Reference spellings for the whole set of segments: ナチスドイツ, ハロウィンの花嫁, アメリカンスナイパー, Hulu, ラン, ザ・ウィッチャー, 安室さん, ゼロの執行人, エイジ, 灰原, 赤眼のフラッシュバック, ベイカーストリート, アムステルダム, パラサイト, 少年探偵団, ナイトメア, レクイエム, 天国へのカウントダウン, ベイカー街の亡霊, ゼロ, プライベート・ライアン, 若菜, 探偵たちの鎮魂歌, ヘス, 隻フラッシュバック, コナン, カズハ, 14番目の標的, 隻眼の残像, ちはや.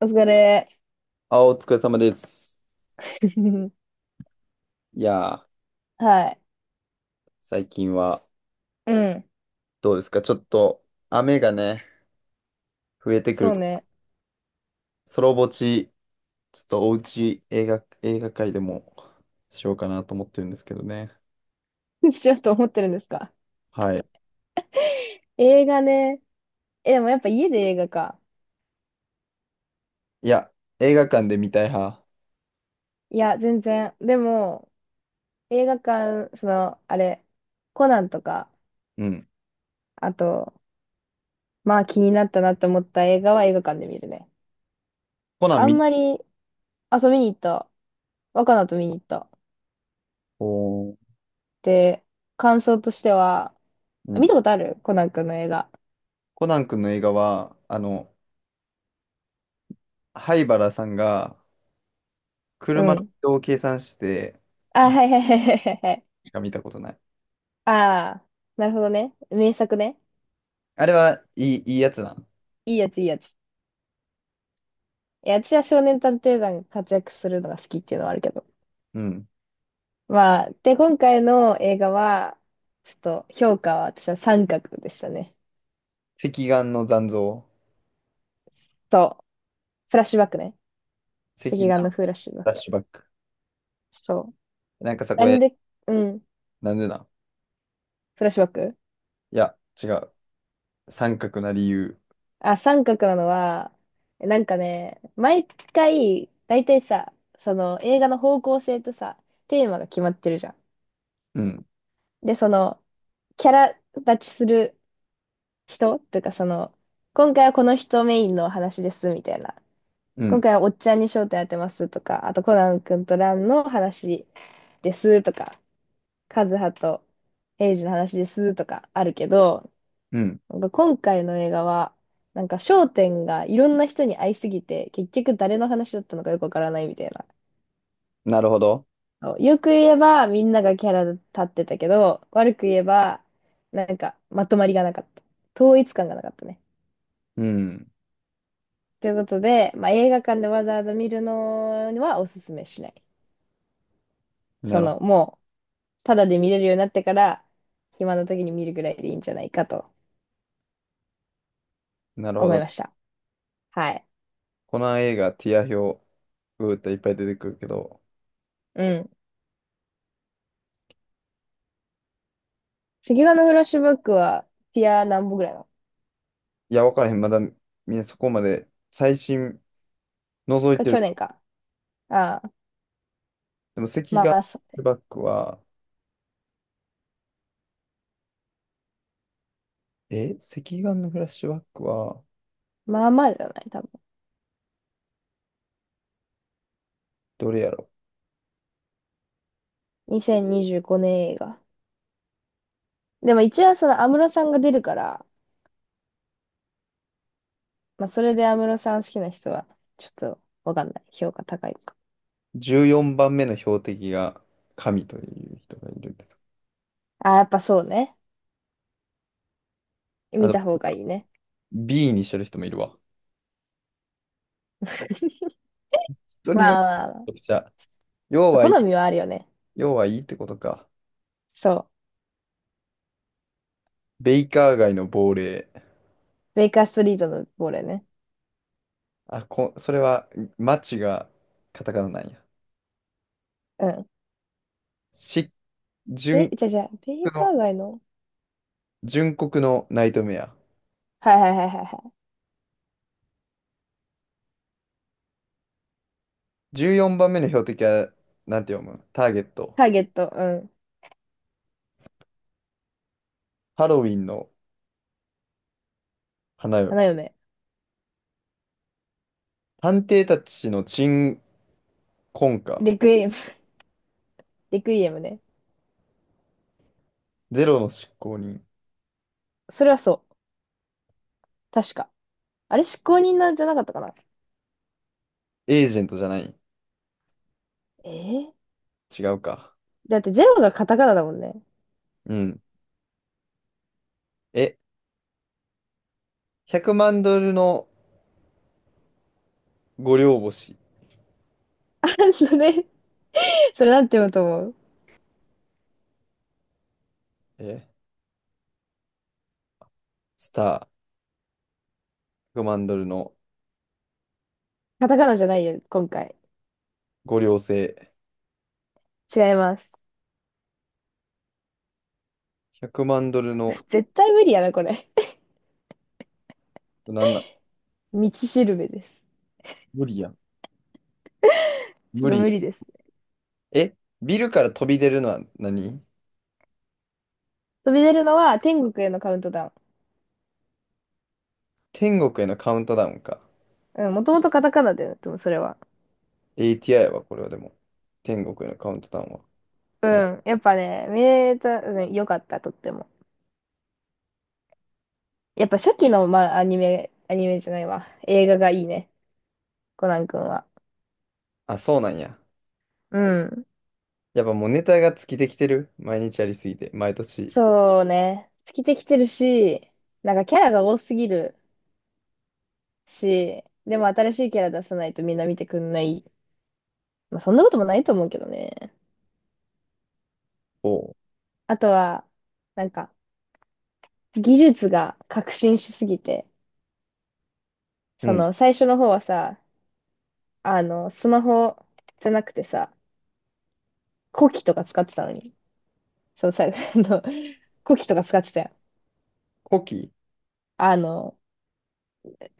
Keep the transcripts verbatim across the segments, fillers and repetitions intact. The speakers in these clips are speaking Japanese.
お疲れ。あ、お疲れ様です。いやー、はい。最近はうん。どうですか？ちょっと雨がね、増えてくそる。うね。ソロぼち、ちょっとおうち映画、映画界でもしようかなと思ってるんですけどね。しようと思ってるんですか？はい。映画ね。え、でもやっぱ家で映画か。いや、映画館で見たい派。いや、全然。でも、映画館、その、あれ、コナンとか、うん。あと、まあ気になったなと思った映画は映画館で見るね。コナンあん見、まり、あ、そう見に行った。若菜と見に行った。おー、で、感想としては、うあん。見たことあるコナン君の映画。コナン君の映画は、あの、灰原さんがう車の移ん。動を計算して、あ、はいはいはいはいはいはい。しか見たことない。ああ、なるほどね。名作ね。あれはいい、いいやつなん。いいやつ、いいやつ。いや、私は少年探偵団が活躍するのが好きっていうのはあるけど。うん。まあ、で、今回の映画は、ちょっと評価は私は三角でしたね。隻眼の残像。そう。フラッシュバックね。隻赤フ眼のフラッシュバック。ラッシュバック。そう。なんかさ、こなんれ、で、うん。なんでなフラッシュバック。いや、違う。三角な理由。あ、三角なのは、なんかね、毎回、だいたいさ、その映画の方向性とさ、テーマが決まってるじゃん。うん、で、その、キャラ立ちする人っていうかその、今回はこの人メインの話ですみたいな。う今ん、回はおっちゃんに焦点当てますとか、あとコナン君とランの話ですとか、カズハとエイジの話ですとかあるけど、うん。なんか今回の映画は、なんか焦点がいろんな人に合いすぎて、結局誰の話だったのかよくわからないみたいな。なるほど。そう、よく言えばみんながキャラ立ってたけど、悪く言えばなんかまとまりがなかった。統一感がなかったね。うん。ということで、まあ、映画館でわざわざ見るのはおすすめしない。なそる、の、もう、ただで見れるようになってから、暇な時に見るぐらいでいいんじゃないかとなるほ思いど。ました。はい。この映画、ティア表、うーっていっぱい出てくるけど、うん。赤眼のフラッシュバックは、ティア何本ぐらいなのいや、わからへん。まだ、みんなそこまで、最新、覗いか、て去る。年か。ああ、でも、赤眼まのフラッあ、そシュバックは、え赤眼のフラッシュバックは、まあまあじゃない、多分。どれやろ？ にせんにじゅうごねん映画。でも一応その安室さんが出るから、まあそれで安室さん好きな人は、ちょっとわかんない。評価高いのか。じゅうよん 番目の標的が、神という人がいるんです。ああ、やっぱそうね。あ見と、た方がいいね。B にしてる人もいるわ。人にまよるあまあまめあ。ちゃくちゃ要はいい、好みはあるよね。要はいいってことか。そう。ベイカー街の亡霊。ベイカーストリートのボールね。あ、こ、それは、マチがカタカナなんや。うん。し、え、純じゃじゃ、ベイ国カの、ー街の。純国のナイトメア。はいはいはいはいはい。じゅうよんばんめの標的は、なんて読むターゲット。ターゲット、うん。ハロウィンの花嫁。花嫁。探偵たちの鎮魂歌。レクイエム。レクイエムね。ゼロの執行人。それはそう。確か。あれ、執行人なんじゃなかったかな？エージェントじゃない。えー違うか。だってゼロがカタカナだもんね。うん。え、ひゃくまんドルのご両星。あ、それ、それなんて読むと思う？え、スター。ひゃくまんドルのカタカナじゃないよ、今回。ご両星。違います。ひゃくまんドルの、絶対無理やな、これ。なんなん道しるべです。無理やん。ちょっ無と理や無理ん。です。えビルから飛び出るのは何？飛び出るのは天国へのカウントダ天国へのカウントダウンか。ウン。うん、もともとカタカナだよね、でもそれは。エーティーアイ はこれはでも。天国へのカウントダウンは。うこの、ん。やっぱね、見れた、うん、よかった、とっても。やっぱ初期の、まあ、アニメ、アニメじゃないわ。映画がいいね。コナン君は。あ、そうなんや。うん。やっぱもうネタが尽きてきてる。毎日やりすぎて。毎年。そうね。尽きてきてるし、なんかキャラが多すぎるし、でも新しいキャラ出さないとみんな見てくんない。まあ、そんなこともないと思うけどね。おう。あとは、なんか、技術が革新しすぎて、うそん。の、最初の方はさ、あの、スマホじゃなくてさ、コキとか使ってたのに。そうさ、あの、コキとか使ってたよ。古希あの、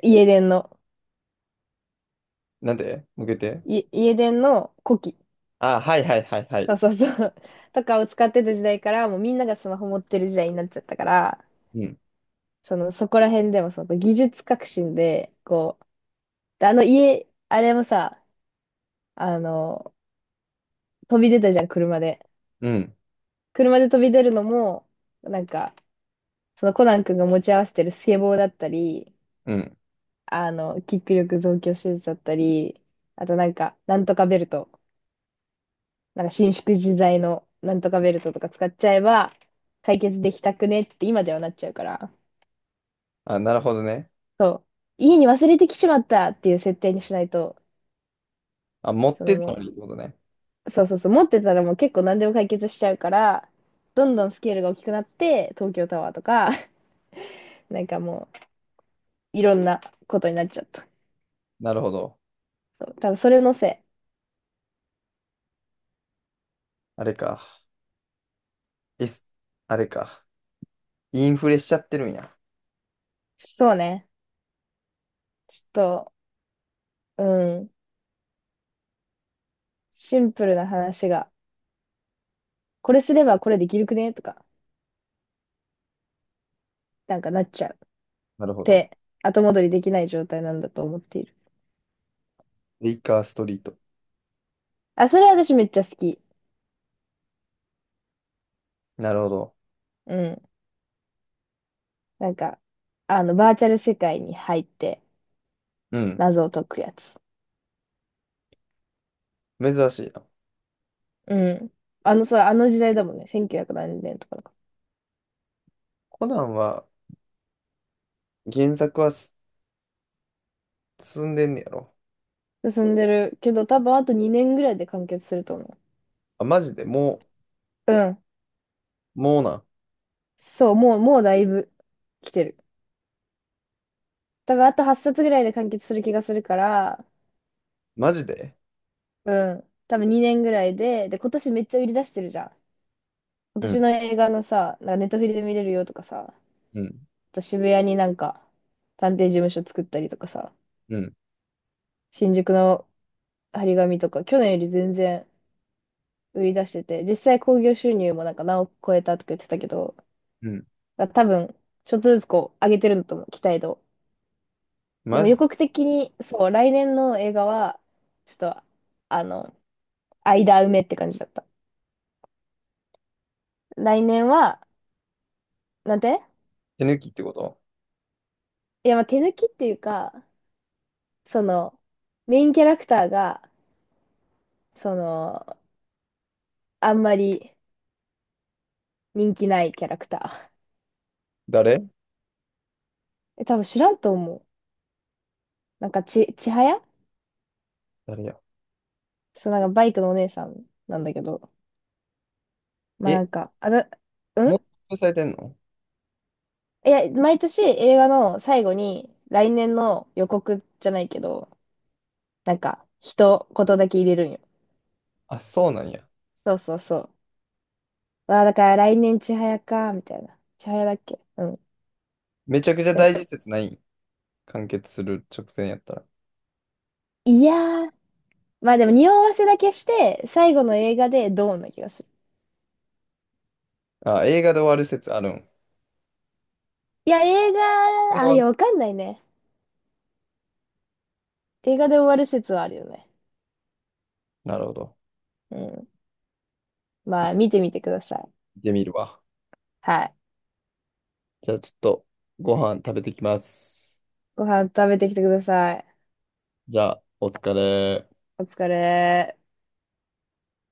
家電の、なんで向けて。い家電のコキ。あ、はいはいはいはい。そうそうそう。とかを使ってた時代から、もうみんながスマホ持ってる時代になっちゃったから、うん。その、そこら辺でもその技術革新で、こう、であの家、あれもさ、あの、飛び出たじゃん、車で。うん。車で飛び出るのも、なんか、そのコナン君が持ち合わせてるスケボーだったり、うん。あの、キック力増強手術だったり、あとなんか、なんとかベルト。なんか伸縮自在のなんとかベルトとか使っちゃえば解決できたくねって今ではなっちゃうから、あ、なるほどね。そう、家に忘れてきちまったっていう設定にしないと、あ、持っそのてたものにってことね。う、そうそうそう、持ってたらもう結構何でも解決しちゃうから、どんどんスケールが大きくなって、東京タワーとか、なんかもういろんなことになっちゃった。なるほど。そう、多分それのせい。あれか。S、あれか。インフレしちゃってるんや。そうね。ちょっと、うん、シンプルな話が、これすればこれできるくねとか、なんかなっちゃう。なるほど。て、後戻りできない状態なんだと思っている。ベイカーストリート。あ、それは私めっちゃ好き。なるほど。うん。なんか、あの、バーチャル世界に入ってうん。謎を解くやつ。珍しいな。うん。あの、さ、あの時代だもんね。せんきゅうひゃく何年とかだかコナンは、原作はす進んでんねやろ。ら進んでるけど、多分あとにねんぐらいで完結すると思あ、マジでもう。うん。う、もうなん。そう、もう、もうだいぶ来てる。多分あとはっさつぐらいで完結する気がするから、マジでうん。多分にねんぐらいで、で、今年めっちゃ売り出してるじゃん。今う年ん、の映画のさ、なんかネットフリで見れるよとかさ、うん、と渋谷になんか、探偵事務所作ったりとかさ、うん、新宿の張り紙とか、去年より全然売り出してて、実際興行収入もなんか何億超えたとか言ってたけど、うん。だ多分、ちょっとずつこう、上げてるんだと思う、期待度。でマもジ予告的に、そう、来年の映画は、ちょっと、あの、間埋めって感じだった。来年は、なんて、手抜きってこと？いや、まあ、手抜きっていうか、その、メインキャラクターが、その、あんまり人気ないキャラクター。誰？え、多分知らんと思う。なんかち、ちはや、誰や？そう、なんかバイクのお姉さんなんだけど。まあえ、なんか、あだ、うもうん、発表されてんの？いや、毎年映画の最後に来年の予告じゃないけど、なんか、一言だけ入れるんよ。あ、そうなんや。そうそうそう。わあ、だから来年ちはやか、みたいな。ちはやだっけ。うん。めちゃくちゃうん、大事説ない？完結する直前やったいやー、まあでも匂わせだけして、最後の映画でドーンな気がする。ら。あ、映画で終わる説あるん？映いや、映画で画、終あ、わいるや、わかんないね。映画で終わる説はあるよね。なるほど。うん。まあ、見てみてください。見てみるわ。はい。じゃあちょっと、ご飯食べてきます。ご飯食べてきてください。じゃあ、お疲れ。お疲れ。